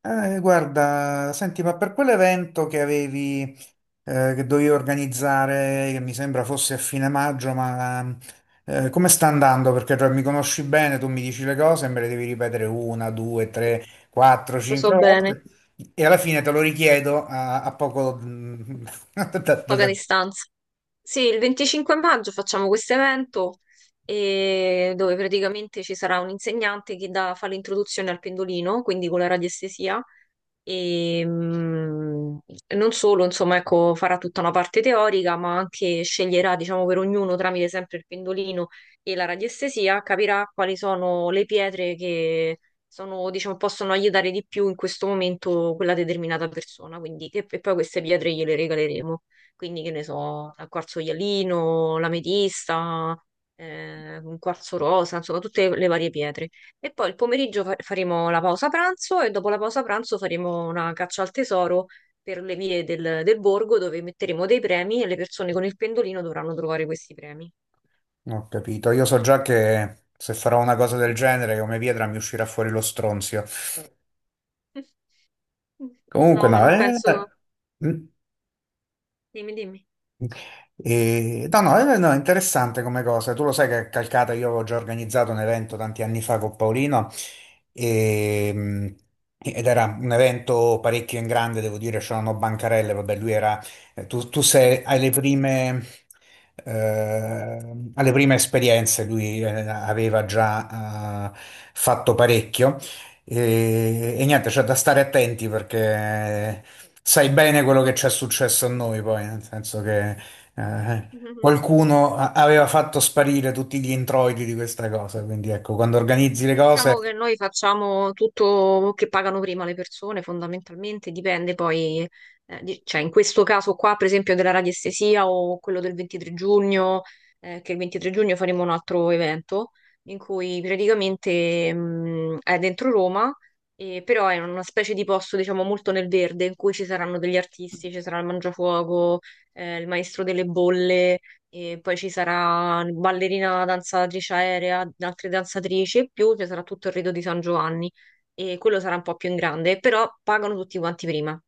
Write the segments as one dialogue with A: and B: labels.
A: Guarda, senti, ma per quell'evento che avevi, che dovevi organizzare, che mi sembra fosse a fine maggio, ma come sta andando? Perché cioè, mi conosci bene, tu mi dici le cose e me le devi ripetere una, due, tre, quattro,
B: Lo so
A: cinque
B: bene,
A: volte e alla fine te lo richiedo a poco. Da- da-
B: paga
A: da-
B: distanza. Sì, il 25 maggio facciamo questo evento dove praticamente ci sarà un insegnante che fa l'introduzione al pendolino, quindi con la radiestesia. E mh, Non solo, insomma, ecco, farà tutta una parte teorica, ma anche sceglierà, diciamo, per ognuno tramite sempre il pendolino e la radiestesia, capirà quali sono le pietre che sono, diciamo, possono aiutare di più in questo momento quella determinata persona. Quindi, e poi queste pietre gliele regaleremo. Quindi, che ne so, il quarzo ialino, l'ametista, un quarzo rosa, insomma, tutte le varie pietre. E poi il pomeriggio faremo la pausa pranzo e dopo la pausa pranzo faremo una caccia al tesoro per le vie del borgo dove metteremo dei premi e le persone con il pendolino dovranno trovare questi premi.
A: no, ho capito, io so già che se farò una cosa del genere, come pietra mi uscirà fuori lo stronzio. Comunque
B: No, ma
A: no,
B: non penso. Dimmi, dimmi.
A: No, no, no, è interessante come cosa. Tu lo sai che a Calcata io avevo già organizzato un evento tanti anni fa con Paolino e, mh, ed era un evento parecchio in grande, devo dire, c'erano bancarelle, vabbè, lui era. Tu sei eh, alle prime esperienze, lui aveva già fatto parecchio e niente, c'è da stare attenti perché sai bene quello che ci è successo a noi poi, nel senso che. Eh, qualcuno aveva fatto sparire tutti gli introiti di questa cosa, quindi ecco, quando organizzi le
B: Sì,
A: cose.
B: diciamo che noi facciamo tutto che pagano prima le persone, fondamentalmente dipende poi, cioè in questo caso qua per esempio della radiestesia o quello del 23 giugno. Che il 23 giugno faremo un altro evento in cui praticamente è dentro Roma, e però è una specie di posto diciamo molto nel verde in cui ci saranno degli artisti, ci sarà il Mangiafuoco, il Maestro delle Bolle, e poi ci sarà ballerina, danzatrice aerea, altre danzatrici e più, ci sarà tutto il rito di San Giovanni. E quello sarà un po' più in grande, però pagano tutti quanti prima.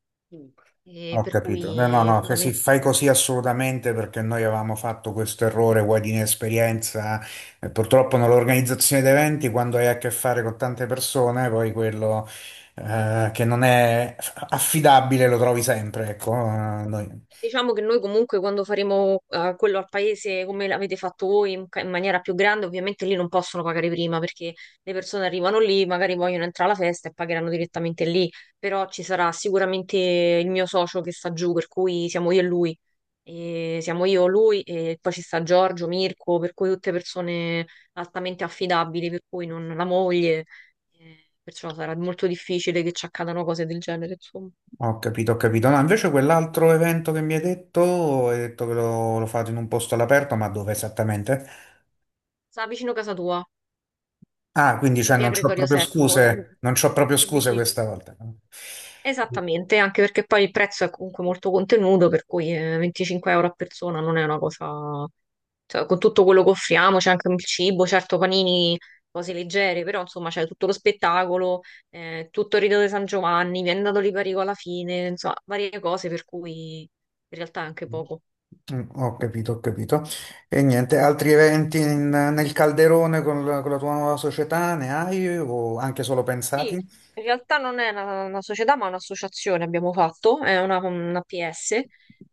B: E
A: Ho
B: per
A: capito. No, no,
B: cui
A: no, che si
B: fondamentalmente
A: fai così assolutamente perché noi avevamo fatto questo errore, vuoi di inesperienza, e purtroppo nell'organizzazione di eventi, quando hai a che fare con tante persone, poi quello che non è affidabile lo trovi sempre, ecco, noi.
B: diciamo che noi comunque quando faremo quello al paese come l'avete fatto voi in, in maniera più grande, ovviamente lì non possono pagare prima perché le persone arrivano lì, magari vogliono entrare alla festa e pagheranno direttamente lì, però ci sarà sicuramente il mio socio che sta giù, per cui siamo io e lui. E siamo io, lui e poi ci sta Giorgio, Mirko, per cui tutte persone altamente affidabili, per cui non la moglie, perciò sarà molto difficile che ci accadano cose del genere, insomma.
A: Ho capito, ho capito. No, invece quell'altro evento che mi hai detto che lo fate in un posto all'aperto, ma dove esattamente?
B: Sta vicino casa tua,
A: Ah, quindi
B: in
A: cioè,
B: via
A: non c'ho
B: Gregorio
A: proprio
B: VII,
A: scuse, non c'ho proprio
B: lì
A: scuse
B: vicino.
A: questa volta. Mm.
B: Esattamente, anche perché poi il prezzo è comunque molto contenuto, per cui 25 euro a persona non è una cosa. Cioè, con tutto quello che offriamo, c'è anche il cibo, certo panini, cose leggere, però insomma c'è tutto lo spettacolo, tutto il Rito di San Giovanni, viene dato l'Iparico alla fine, insomma, varie cose per cui in realtà è anche poco.
A: Ho capito, ho capito. E niente, altri eventi nel calderone con la tua nuova società ne hai o anche solo
B: Sì,
A: pensati?
B: in realtà non è una società, ma un'associazione abbiamo fatto, è una PS,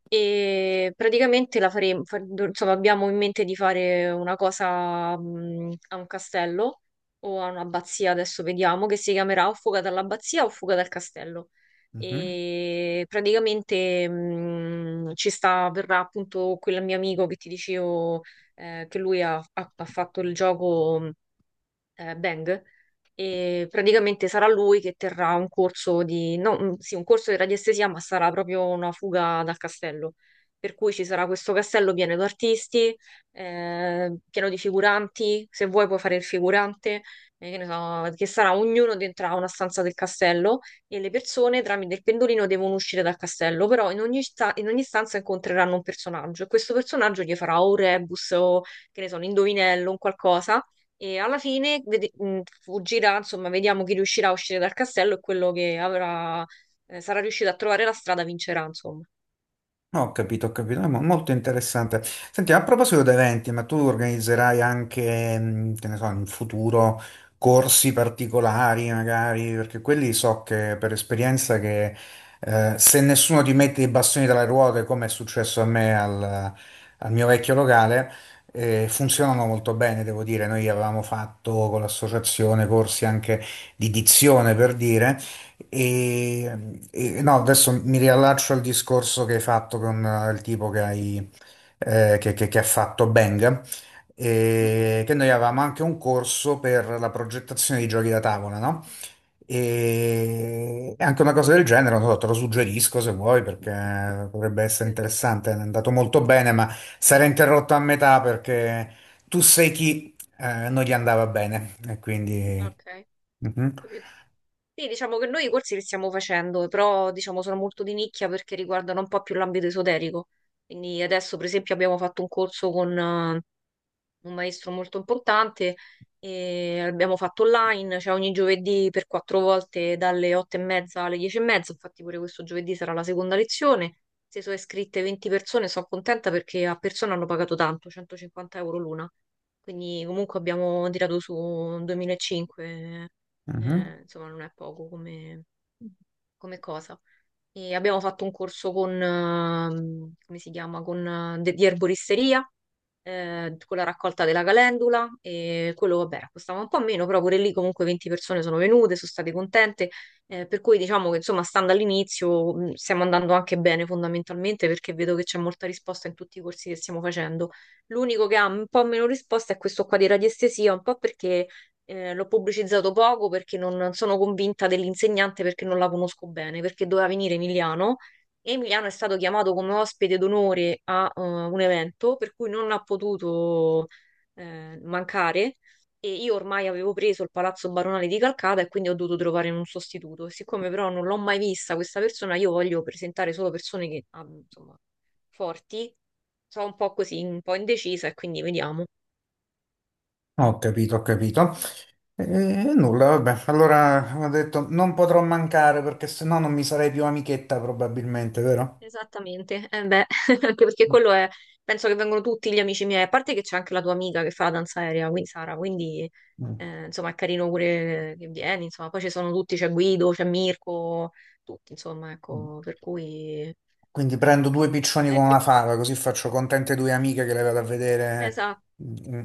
B: e praticamente la faremo, insomma, abbiamo in mente di fare una cosa a un castello o a un'abbazia, adesso vediamo, che si chiamerà o Fuga dall'abbazia o Fuga dal castello.
A: Mhm.
B: E praticamente ci sta, verrà appunto quel mio amico che ti dicevo che lui ha fatto il gioco, Bang. E praticamente sarà lui che terrà un corso di, no, sì, un corso di radiestesia, ma sarà proprio una fuga dal castello. Per cui ci sarà questo castello pieno di artisti, pieno di figuranti, se vuoi puoi fare il figurante, che ne so, che sarà ognuno dentro a una stanza del castello, e le persone tramite il pendolino devono uscire dal castello, però in ogni, in ogni stanza incontreranno un personaggio e questo personaggio gli farà o un rebus o che ne so, un indovinello, un qualcosa, e alla fine fuggirà, insomma, vediamo chi riuscirà a uscire dal castello, e quello che avrà, sarà riuscito a trovare la strada vincerà, insomma.
A: No, ho capito, ho capito, è molto interessante. Senti, a proposito di eventi, ma tu organizzerai anche, che ne so, in futuro corsi particolari magari, perché quelli so che per esperienza che se nessuno ti mette i bastoni tra le ruote, come è successo a me al mio vecchio locale, funzionano molto bene, devo dire. Noi avevamo fatto con l'associazione corsi anche di dizione, per dire. No, adesso mi riallaccio al discorso che hai fatto con il tipo che ha fatto Bang,
B: Mhm.
A: che noi avevamo anche un corso per la progettazione di giochi da tavola, no? E anche una cosa del genere, non so, te lo suggerisco se vuoi, perché potrebbe essere
B: Sì,
A: interessante, è andato molto bene, ma sarà interrotto a metà perché tu sei chi non gli andava bene, e quindi.
B: ok, ho
A: Mhm,
B: capito. Sì, diciamo che noi i corsi li stiamo facendo, però diciamo sono molto di nicchia perché riguardano un po' più l'ambito esoterico. Quindi adesso, per esempio, abbiamo fatto un corso con eh, un maestro molto importante, e abbiamo fatto online, cioè ogni giovedì per quattro volte dalle 8:30 alle 10:30, infatti pure questo giovedì sarà la seconda lezione. Se sono iscritte 20 persone, sono contenta perché a persona hanno pagato tanto, 150 euro l'una. Quindi comunque abbiamo tirato su 2005.
A: mhm.
B: Insomma non è poco come, come cosa. E abbiamo fatto un corso con, come si chiama, con, di erboristeria, con la raccolta della calendula, e quello, vabbè, costava un po' meno, però pure lì comunque 20 persone sono venute, sono state contente, per cui diciamo che insomma, stando all'inizio, stiamo andando anche bene fondamentalmente perché vedo che c'è molta risposta in tutti i corsi che stiamo facendo. L'unico che ha un po' meno risposta è questo qua di radiestesia, un po' perché l'ho pubblicizzato poco, perché non sono convinta dell'insegnante, perché non la conosco bene, perché doveva venire Emiliano. Emiliano è stato chiamato come ospite d'onore a un evento per cui non ha potuto mancare, e io ormai avevo preso il Palazzo Baronale di Calcata e quindi ho dovuto trovare un sostituto. E siccome però non l'ho mai vista questa persona, io voglio presentare solo persone che, insomma, forti. Sono un po' così, un po' indecisa e quindi vediamo.
A: Ho capito, ho capito. E nulla, vabbè. Allora ho detto non potrò mancare perché sennò non mi sarei più amichetta probabilmente, vero?
B: Esattamente, eh beh, anche perché quello è, penso che vengono tutti gli amici miei, a parte che c'è anche la tua amica che fa la danza aerea, quindi Sara. Quindi
A: Mm.
B: Insomma, è carino pure che vieni, insomma, poi ci sono tutti, c'è Guido, c'è Mirko, tutti, insomma,
A: Mm.
B: ecco, per cui. eh,
A: Quindi prendo due piccioni con una
B: eh,
A: fava, così faccio contente due amiche che le vado a vedere.
B: esatto.
A: Mm. Mm.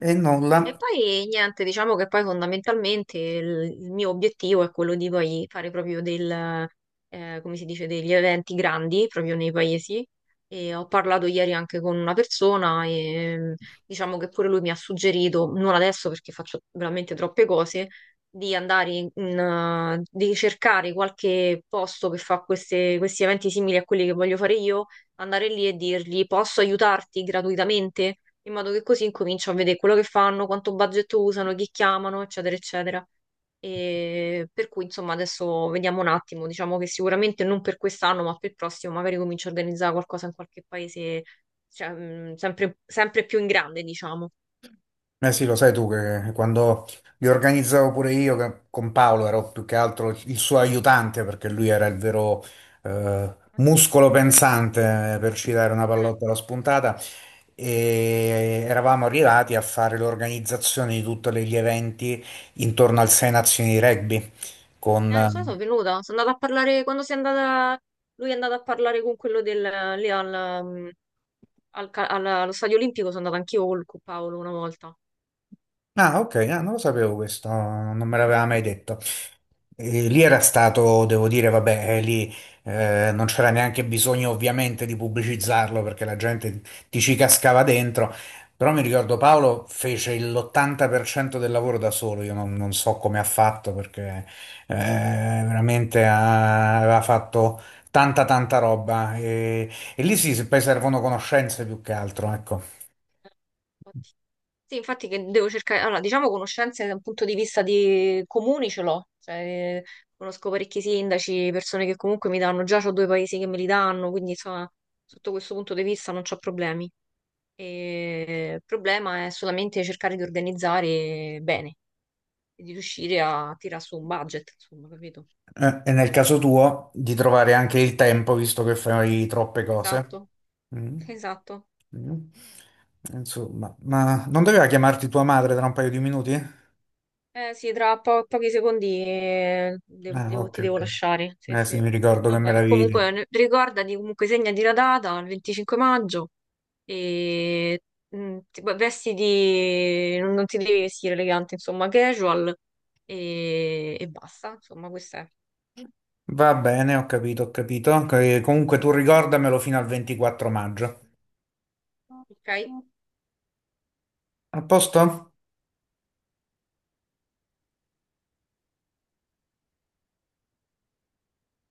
A: E nulla.
B: E poi niente, diciamo che poi fondamentalmente il mio obiettivo è quello di poi fare proprio del, come si dice, degli eventi grandi proprio nei paesi. E ho parlato ieri anche con una persona e diciamo che pure lui mi ha suggerito, non adesso perché faccio veramente troppe cose, di andare di cercare qualche posto che fa questi eventi simili a quelli che voglio fare io, andare lì e dirgli posso aiutarti gratuitamente? In modo che così incomincio a vedere quello che fanno, quanto budget usano, chi chiamano, eccetera, eccetera. E per cui, insomma, adesso vediamo un attimo. Diciamo che sicuramente non per quest'anno, ma per il prossimo, magari comincio a organizzare qualcosa in qualche paese, cioè, sempre, sempre più in grande, diciamo.
A: Eh sì, lo sai tu che quando li organizzavo pure io con Paolo ero più che altro il suo aiutante perché lui era il vero
B: Ah, sì.
A: muscolo pensante per citare una
B: Eh,
A: pallottola spuntata e eravamo arrivati a fare l'organizzazione di tutti gli eventi intorno al Sei Nazioni di Rugby
B: lo so, sono
A: con
B: venuta. Sono andata a parlare quando sei andata. Lui è andato a parlare con quello del lì al, mm, al ca- alla- allo stadio olimpico. Sono andata anch'io con Paolo una volta.
A: Ah, ok, ah, non lo sapevo questo, non me l'aveva mai detto. E lì era stato, devo dire, vabbè, lì non c'era neanche bisogno ovviamente di pubblicizzarlo perché la gente ti ci cascava dentro, però mi
B: Certo.
A: ricordo Paolo fece l'80% del lavoro da solo, io non so come ha fatto perché veramente aveva fatto tanta tanta roba e lì sì, se poi servono conoscenze più che altro, ecco.
B: Infatti. Sì, infatti che devo cercare, allora diciamo conoscenze da un punto di vista di comuni ce l'ho, cioè conosco parecchi sindaci, persone che comunque mi danno, già ho due paesi che me li danno, quindi insomma sotto questo punto di vista non ho problemi. E il problema è solamente cercare di organizzare bene e di riuscire a tirar su un budget, insomma, capito?
A: E nel caso tuo di trovare anche il tempo, visto che fai troppe cose.
B: Esatto,
A: Mm.
B: esatto.
A: Mm. Insomma, ma non doveva chiamarti tua madre tra un paio di minuti?
B: Eh sì, tra pochi secondi
A: Ah, ok,
B: ti devo
A: ok.
B: lasciare. Sì,
A: Eh sì,
B: sì.
A: mi ricordo che me
B: Vabbè,
A: l'avevi
B: comunque
A: detto.
B: ricordati, comunque segnati la data, il 25 maggio, e vestiti, non ti devi vestire elegante, insomma, casual, e basta, insomma, questo è.
A: Va bene, ho capito, ho capito. Ok, comunque tu ricordamelo fino al 24 maggio.
B: Ok?
A: A posto?